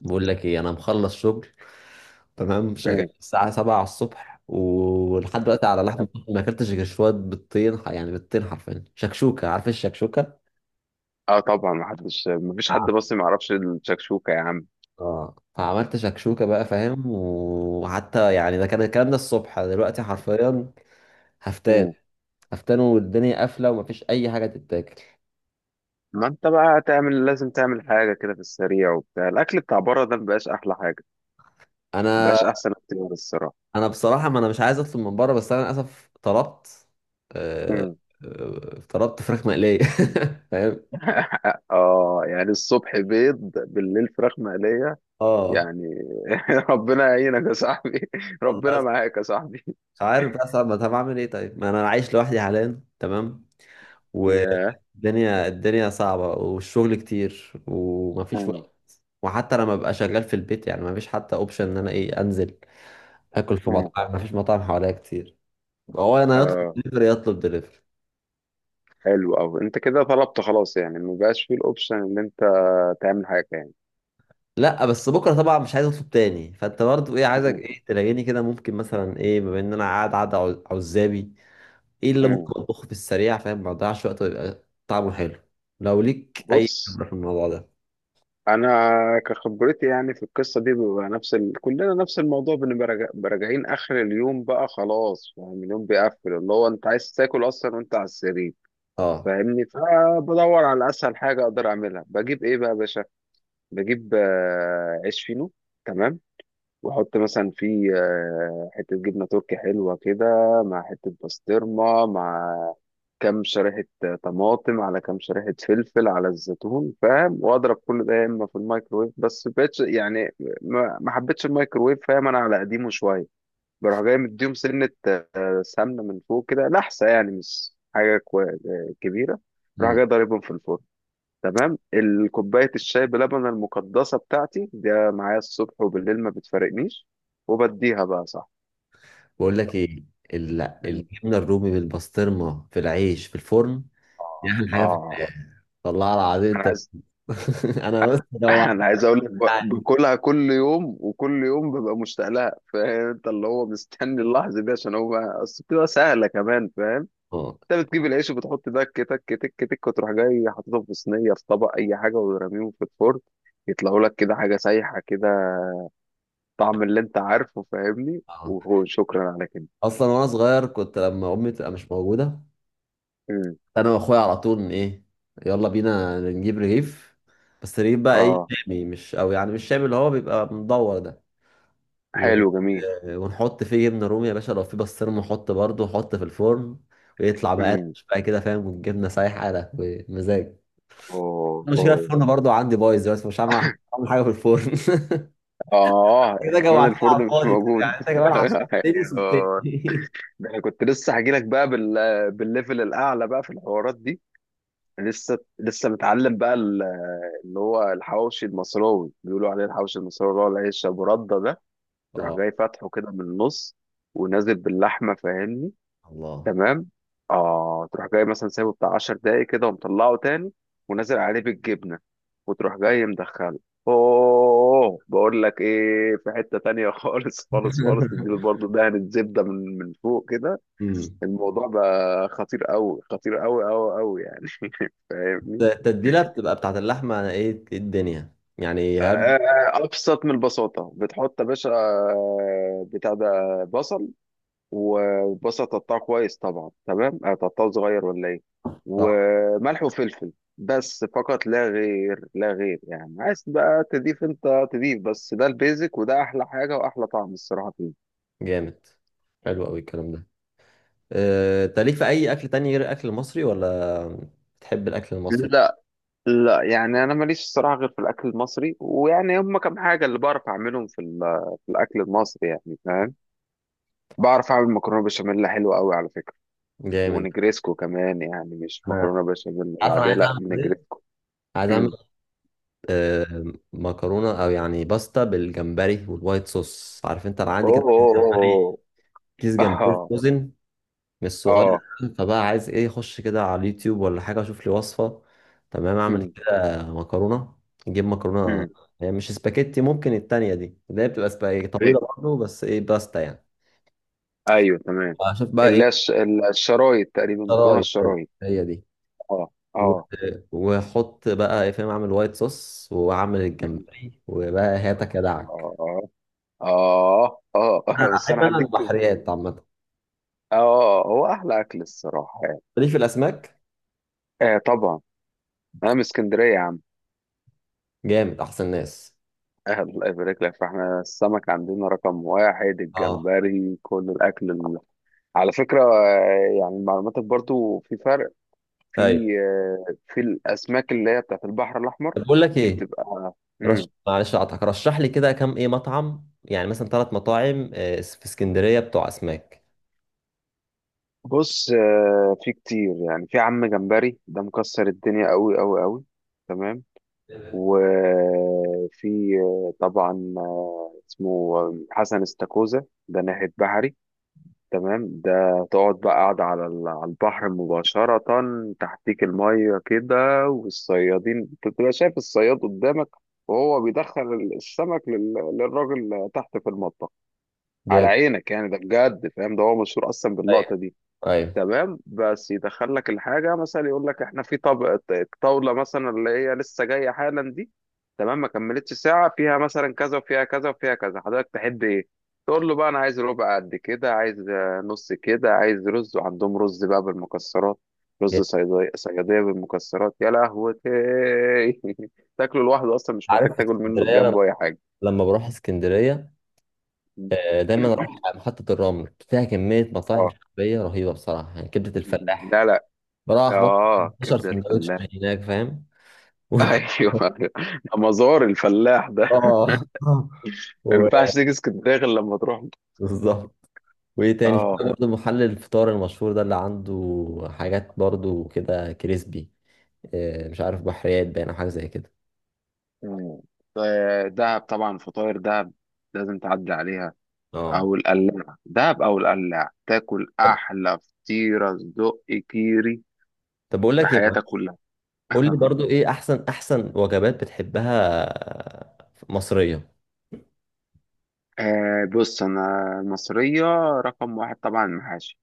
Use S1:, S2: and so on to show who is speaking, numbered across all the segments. S1: بقول لك ايه، انا مخلص شغل. تمام، شغال
S2: مم.
S1: الساعة 7 على الصبح ولحد دلوقتي على لحم، ما اكلتش غير شوية بيضتين. يعني بيضتين حرفيا شكشوكة. عارف إيه الشكشوكة؟
S2: اه طبعا، ما حدش ما فيش حد بس ما يعرفش الشكشوكه يا عم.
S1: اه، فعملت شكشوكة بقى، فاهم، وحتى يعني ده كان الكلام ده الصبح. دلوقتي حرفيا هفتان
S2: مم.
S1: هفتان، والدنيا قافلة ومفيش أي حاجة تتاكل.
S2: ما انت بقى تعمل، لازم تعمل حاجه كده في السريع، وبتاع الاكل بتاع بره ده مبقاش احلى حاجه،
S1: أنا
S2: مبقاش احسن اختيار الصراحه.
S1: أنا بصراحة، ما أنا مش عايز أطلب من بره، بس أنا للأسف طلبت. آه،
S2: مم.
S1: طلبت فراخ مقلية فاهم؟
S2: اه يعني الصبح بيض بالليل فراخ مقليه
S1: اه،
S2: يعني. ربنا يعينك يا صاحبي، ربنا
S1: والله
S2: معاك يا صاحبي.
S1: مش عارف بقى، صعب. طب اعمل ايه؟ طيب، ما انا عايش لوحدي حاليا، تمام.
S2: يا
S1: والدنيا الدنيا صعبة والشغل كتير ومفيش
S2: مم.
S1: وقت. وحتى لما ببقى شغال في البيت، يعني مفيش حتى اوبشن ان انا ايه انزل اكل في
S2: مم.
S1: مطاعم، مفيش مطاعم حواليا كتير. هو انا يطلب
S2: اه،
S1: دليفري، يطلب دليفري.
S2: حلو قوي، انت كده طلبت خلاص يعني مبقاش فيه الاوبشن ان انت تعمل حاجه يعني.
S1: لا، بس بكره طبعا مش عايز اطلب تاني، فانت برضه ايه عايزك
S2: مم.
S1: ايه تلاقيني كده، ممكن مثلا ايه، بما ان انا قاعد قاعد عزابي، ايه اللي
S2: مم.
S1: ممكن اطبخه في السريع؟ فاهم، ما اضيعش وقت ويبقى طعمه حلو، لو ليك اي
S2: بص،
S1: خبرة في الموضوع ده.
S2: انا كخبرتي يعني في القصه دي بيبقى نفس كلنا نفس الموضوع، بنبقى بنبقى راجعين اخر اليوم بقى خلاص، فاهم؟ اليوم بيقفل، اللي هو انت عايز تاكل اصلا وانت على السرير،
S1: اه.
S2: فاهمني؟ فبدور على اسهل حاجه اقدر اعملها. بجيب ايه بقى يا باشا؟ بجيب عيش فينو، تمام، واحط مثلا فيه حته جبنه تركي حلوه كده، مع حته بسطرمه، مع كام شريحه طماطم، على كام شريحه فلفل، على الزيتون، فاهم؟ واضرب كل ده يا اما في الميكرويف، بس بقتش يعني ما حبيتش الميكرويف، فاهم؟ انا على قديمه شويه. بروح جاي مديهم سنه، سمنه من فوق كده لحسه، يعني مش حاجه كبيره. بروح
S1: مم.
S2: جاي ضاربهم في الفرن، تمام. الكوباية الشاي بلبن المقدسة بتاعتي ده معايا الصبح وبالليل، ما بتفارقنيش، وبديها بقى صح.
S1: بقول لك ايه، ال-
S2: مم.
S1: الجبنه الرومي بالبسطرمه في العيش في الفرن، دي احلى
S2: اه
S1: حاجه في
S2: آه.
S1: الحياه، والله العظيم
S2: انا
S1: انت
S2: عايز.
S1: انا بس جوعت.
S2: انا عايز اقول لك، باكلها كل يوم، وكل يوم ببقى مشتاق لها، فاهم؟ انت اللي هو مستني اللحظه دي عشان هو اصل بتبقى سهله كمان، فاهم؟
S1: اه،
S2: انت بتجيب العيش وبتحط ده، تك تك تك تك، وتروح جاي حاططهم في صينيه، في طبق، اي حاجه، وترميهم في الفرن، يطلعوا لك كده حاجه سايحه كده، طعم اللي انت عارفه، فاهمني؟
S1: اه.
S2: وهو شكرا على كده.
S1: اصلا وانا صغير كنت، لما امي تبقى مش موجوده،
S2: امم.
S1: انا واخويا على طول، ن- ايه يلا بينا نجيب رغيف، بس رغيف بقى ايه،
S2: اه،
S1: شامي، مش، او يعني مش شامي اللي هو بيبقى مدور ده. و...
S2: حلو جميل.
S1: ونحط فيه جبنه رومي يا باشا، لو في بسطرمه نحط برضه، نحط في الفرن، ويطلع
S2: امم.
S1: مقرمش بقى كده، فاهم، والجبنه سايحه ده ومزاج.
S2: اوه
S1: مشكلة
S2: اوه.
S1: الفرن برضو عندي بايظ دلوقتي، مش هعمل حاجة في الفرن
S2: اه
S1: كده
S2: كمان
S1: جوعتني على
S2: الفرن مش
S1: الفاضي
S2: موجود.
S1: يعني، انت كمان عشان
S2: أيوه.
S1: وسبتني
S2: ده انا كنت لسه هجيلك بقى بالليفل الاعلى بقى في الحوارات دي، لسه لسه متعلم بقى اللي هو الحواوشي المصراوي، بيقولوا عليه الحواوشي المصراوي، اللي هو العيش ابو رده ده. تروح
S1: اه،
S2: جاي فاتحه كده من النص، ونازل باللحمه، فاهمني؟
S1: الله
S2: تمام. اه، تروح جاي مثلا سايبه بتاع 10 دقايق كده، ومطلعه تاني، ونازل عليه بالجبنه، وتروح جاي مدخله. اوه، بقول لك ايه، في حته تانية خالص خالص خالص، تديله برضه دهن الزبده من فوق كده.
S1: امم
S2: الموضوع بقى خطير قوي، خطير قوي قوي قوي يعني. فاهمني؟
S1: التتبيلة بتبقى بتاعت اللحمة. أنا إيه الدنيا يعني هب؟
S2: آه، ابسط من البساطه. بتحط يا باشا بتاع ده، بصل، وبصل تقطعه كويس طبعا، تمام، تقطعه صغير ولا ايه،
S1: طعم
S2: وملح وفلفل، بس، فقط لا غير، لا غير. يعني عايز بقى تضيف انت تضيف، بس ده البيزك، وده احلى حاجه واحلى طعم الصراحه فيه.
S1: جامد. حلو أوي الكلام ده. أنت ليك في أي أكل تاني غير الأكل المصري، ولا بتحب الأكل المصري؟
S2: لا لا، يعني انا ماليش الصراحه غير في الاكل المصري، ويعني هم كام حاجه اللي بعرف اعملهم في في الاكل المصري يعني، فاهم؟ بعرف اعمل مكرونه بشاميل حلوه قوي على فكره،
S1: جامد.
S2: ونجريسكو كمان. يعني مش
S1: أنا
S2: مكرونه بشاميل
S1: عارف أنا
S2: العاديه،
S1: عايز
S2: لا،
S1: أعمل إيه.
S2: نجريسكو.
S1: عايز أعمل
S2: مم.
S1: آه، مكرونه، او يعني باستا بالجمبري والوايت صوص. عارف انت، انا عندي
S2: اوه
S1: كده
S2: اوه اوه.
S1: كيس جمبري
S2: اه
S1: فروزن، مش صغير.
S2: اه.
S1: فبقى عايز ايه، اخش كده على اليوتيوب ولا حاجه اشوف لي وصفه، تمام، اعمل
S2: أمم،
S1: كده مكرونه. نجيب مكرونه،
S2: أمم.
S1: يعني مش سباكيتي، ممكن التانية دي اللي هي بتبقى سباكيتي طويله
S2: ايوه،
S1: برضه، بس ايه، باستا يعني.
S2: ايوه تمام.
S1: اشوف بقى ايه.
S2: الشرايط، تقريبا مكرونه
S1: شرايط،
S2: الشرايط.
S1: هي دي.
S2: اه
S1: و-
S2: اه.
S1: واحط بقى ايه، فاهم، اعمل وايت صوص واعمل
S2: أمم.
S1: الجمبري وبقى هاتك يا دعك.
S2: اه اه اه
S1: أنا
S2: بس
S1: احب،
S2: انا
S1: انا
S2: هديك.
S1: البحريات عامه،
S2: اه، هو احلى اكل الصراحه يعني.
S1: ليه، في الاسماك.
S2: آه طبعا، انا من اسكندريه يا عم.
S1: جامد. احسن ناس.
S2: آه، الله يبارك لك. فاحنا السمك عندنا رقم واحد،
S1: اه،
S2: الجمبري، كل الاكل على فكره يعني معلوماتك برضو، في فرق في
S1: ايوه.
S2: في الاسماك اللي هي بتاعت البحر الاحمر،
S1: طب بقول لك
S2: دي
S1: ايه،
S2: بتبقى مم.
S1: معلش اقطعك، رشح لي كده كام ايه مطعم، يعني مثلا ثلاث مطاعم في اسكندريه بتوع اسماك.
S2: بص، في كتير يعني. في عم جمبري ده مكسر الدنيا قوي قوي قوي، تمام. وفي طبعا اسمه حسن استاكوزا، ده ناحية بحري، تمام، ده تقعد بقى قاعد على على البحر مباشرة، تحتيك المية كده، والصيادين بتبقى شايف الصياد قدامك، وهو بيدخل السمك للراجل تحت في المطبخ، على
S1: جامد.
S2: عينك يعني. ده بجد، فاهم؟ ده هو مشهور أصلا
S1: ايوه،
S2: باللقطة دي.
S1: ايوه،
S2: تمام، بس يدخل لك الحاجة مثلا، يقول لك احنا في طبق الطاولة مثلا اللي هي لسه جاية حالا دي، تمام، ما كملتش ساعة، فيها مثلا كذا وفيها كذا وفيها كذا، حضرتك تحب ايه؟ تقول له بقى انا عايز ربع قد كده، عايز نص كده، عايز رز. وعندهم رز بقى بالمكسرات، رز
S1: جامد.
S2: صيادية، صيادية بالمكسرات يا لهوتي. تاكله لوحده، اصلا مش محتاج
S1: عارف، في
S2: تاكل منه
S1: اسكندريه
S2: جنبه اي حاجة.
S1: لما بروح اسكندريه، دايما اروح على محطه الرمل، فيها كميه مطاعم
S2: اه،
S1: شعبيه رهيبه بصراحه، يعني كبده الفلاح،
S2: لا لا.
S1: بروح اخبط
S2: اه
S1: 15
S2: كبدة
S1: سندوتش
S2: الفلاح.
S1: من هناك، فاهم و-
S2: ايوه. أيوة. ده مزار الفلاح ده،
S1: اه
S2: ما
S1: و-
S2: ينفعش تيجي اسكندريه غير لما تروح.
S1: بالظبط. وايه تاني، في
S2: اه.
S1: برضه محل الفطار المشهور ده اللي عنده حاجات برضه كده كريسبي، مش عارف بحريات باين او حاجه زي كده.
S2: مم. دهب طبعا، فطاير دهب، لازم تعدي عليها،
S1: اه.
S2: او القلاع. دهب او القلاع، تاكل احلى فطيره صدق كيري
S1: طب بقول
S2: في
S1: لك ايه بقى؟
S2: حياتك كلها.
S1: قول لي برضه ايه احسن، وجبات بتحبها، مصريه.
S2: آه بص، انا المصريه رقم واحد طبعا المحاشي.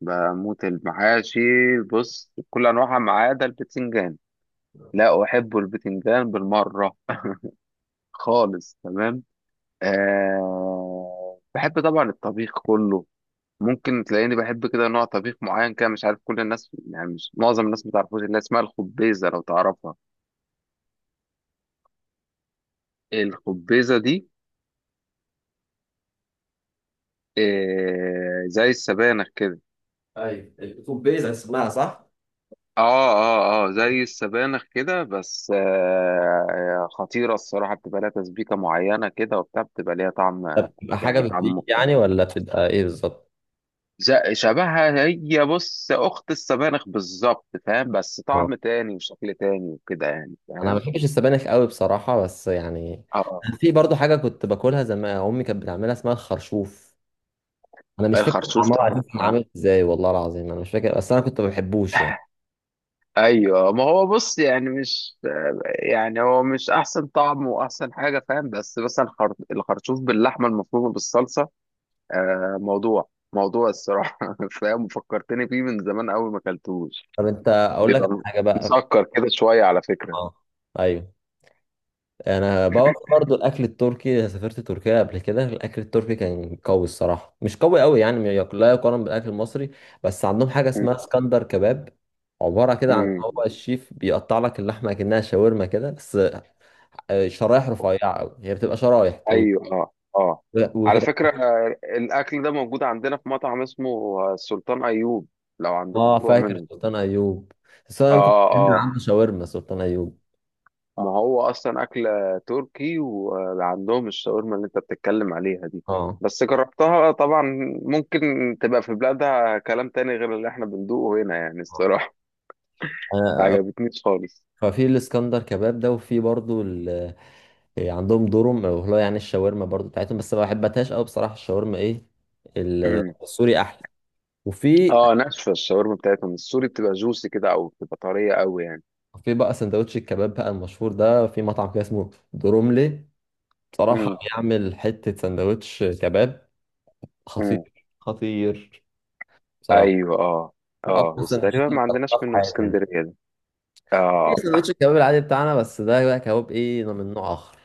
S2: بموت المحاشي. بص، بكل انواعها ما عدا البتنجان، لا احب البتنجان بالمره خالص، تمام. أه، بحب طبعا الطبيخ كله. ممكن تلاقيني بحب كده نوع طبيخ معين، كده مش عارف كل الناس يعني، مش معظم الناس ما تعرفوش، اللي هي اسمها الخبيزه لو تعرفها. الخبيزه دي أه زي السبانخ كده.
S1: ايوه، الكوبيز اسمها، صح؟
S2: اه اه اه، زي السبانخ كده، بس أه خطيره الصراحه، بتبقى لها تسبيكه معينه كده وبتاع، بتبقى ليها طعم،
S1: تبقى حاجه
S2: يعني
S1: بتديك
S2: طعم.
S1: يعني، ولا بتبقى ايه بالظبط؟
S2: شبهها هي، بص، اخت السبانخ بالظبط، فاهم؟ بس
S1: اه.
S2: طعم تاني وشكل تاني وكده يعني،
S1: انا ما
S2: فاهم؟
S1: بحبش السبانخ قوي بصراحه، بس يعني
S2: اه،
S1: في برضه حاجه كنت باكلها زمان، امي كانت بتعملها، اسمها الخرشوف. انا مش فاكر
S2: الخرشوف
S1: عمار
S2: طبعا
S1: عزيز كان
S2: آه.
S1: عامل ازاي، والله العظيم انا مش فاكر، بس انا كنت ما بحبوش يعني.
S2: ايوه، ما هو بص يعني مش، يعني هو مش احسن طعم واحسن حاجه، فاهم؟ بس مثلا الخرشوف باللحمه المفرومه بالصلصه، آه، موضوع الصراحه. فاهم؟ وفكرتني فيه من زمان قوي، ما اكلتوش.
S1: طب انت اقول لك على
S2: بيبقى
S1: حاجه بقى.
S2: مسكر كده شويه على فكره.
S1: اه، ايوه. انا بقى برضو الاكل التركي، سافرت تركيا قبل كده، الاكل التركي كان قوي الصراحه، مش قوي قوي يعني، ما يق- لا يقارن بالاكل المصري. بس عندهم حاجه اسمها
S2: م-
S1: اسكندر كباب، عباره كده عن هو
S2: م.
S1: الشيف بيقطع لك اللحمه كأنها شاورما كده، بس شرايح رفيعه قوي، هي بتبقى شرايح طويله
S2: ايوه، اه اه. على
S1: وتبقى.
S2: فكرة الاكل ده موجود عندنا في مطعم اسمه السلطان ايوب، لو عندكم
S1: اه،
S2: فروع
S1: فاكر
S2: منه.
S1: سلطان ايوب، بس انا كنت
S2: اه
S1: بحب
S2: اه،
S1: عنده شاورما سلطان ايوب.
S2: ما هو اصلا اكل تركي، وعندهم الشاورما اللي انت بتتكلم عليها دي،
S1: اه.
S2: بس جربتها طبعا. ممكن تبقى في بلادها كلام تاني غير اللي احنا بندوقه هنا يعني الصراحة. ما
S1: انا
S2: عجبتنيش خالص.
S1: ففي الاسكندر كباب ده، وفي برضو عندهم دورم، وهو يعني الشاورما برضو بتاعتهم، بس ما بحبتهاش قوي بصراحه، الشاورما ايه،
S2: أمم.
S1: السوري احلى. وفي
S2: اه، ناشفة الشاورما بتاعتهم، السوري بتبقى جوسي كده، او بتبقى طرية قوي يعني.
S1: في بقى سندوتش الكباب بقى المشهور ده، في مطعم كده اسمه دروملي،
S2: أمم،
S1: بصراحه بيعمل حته سندوتش كباب
S2: أمم.
S1: خطير خطير، بصراحه،
S2: ايوه، اه
S1: من اقوى
S2: اه، بس
S1: السندوتشات
S2: تقريبا
S1: اللي
S2: ما عندناش
S1: جربتها في
S2: منه في
S1: حياتي.
S2: اسكندريه ده.
S1: في
S2: اه.
S1: سندوتش الكباب العادي بتاعنا، بس ده بقى كباب ايه، من نوع اخر.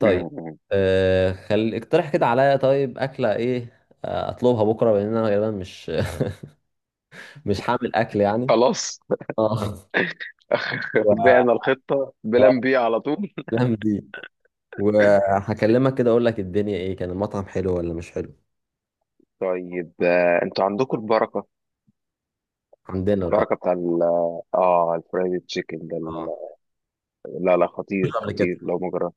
S2: م.
S1: خل اقترح كده عليا، طيب اكله ايه، اطلبها بكره لان انا غالبا مش مش هعمل اكل يعني.
S2: خلاص.
S1: اه. و...
S2: بعنا الخطه
S1: اه،
S2: بلان بي على طول.
S1: الأيام دي وهكلمك كده، اقول لك الدنيا ايه، كان المطعم حلو ولا مش حلو.
S2: طيب انتوا عندكم البركه،
S1: عندنا البقى.
S2: البركه بتاع ال، اه الفرايد تشيكن ده
S1: اه.
S2: لا لا،
S1: مش
S2: خطير
S1: قبل كده.
S2: خطير لو ما جربت.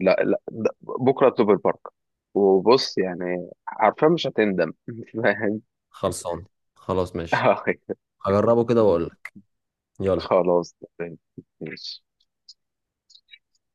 S2: لا لا، بكره اطلب البركه، وبص يعني عارفة مش هتندم. فاهم؟
S1: خلصان، خلاص، ماشي.
S2: آه،
S1: هجربه كده واقول لك. يلا.
S2: خلاص تمام. ماشي.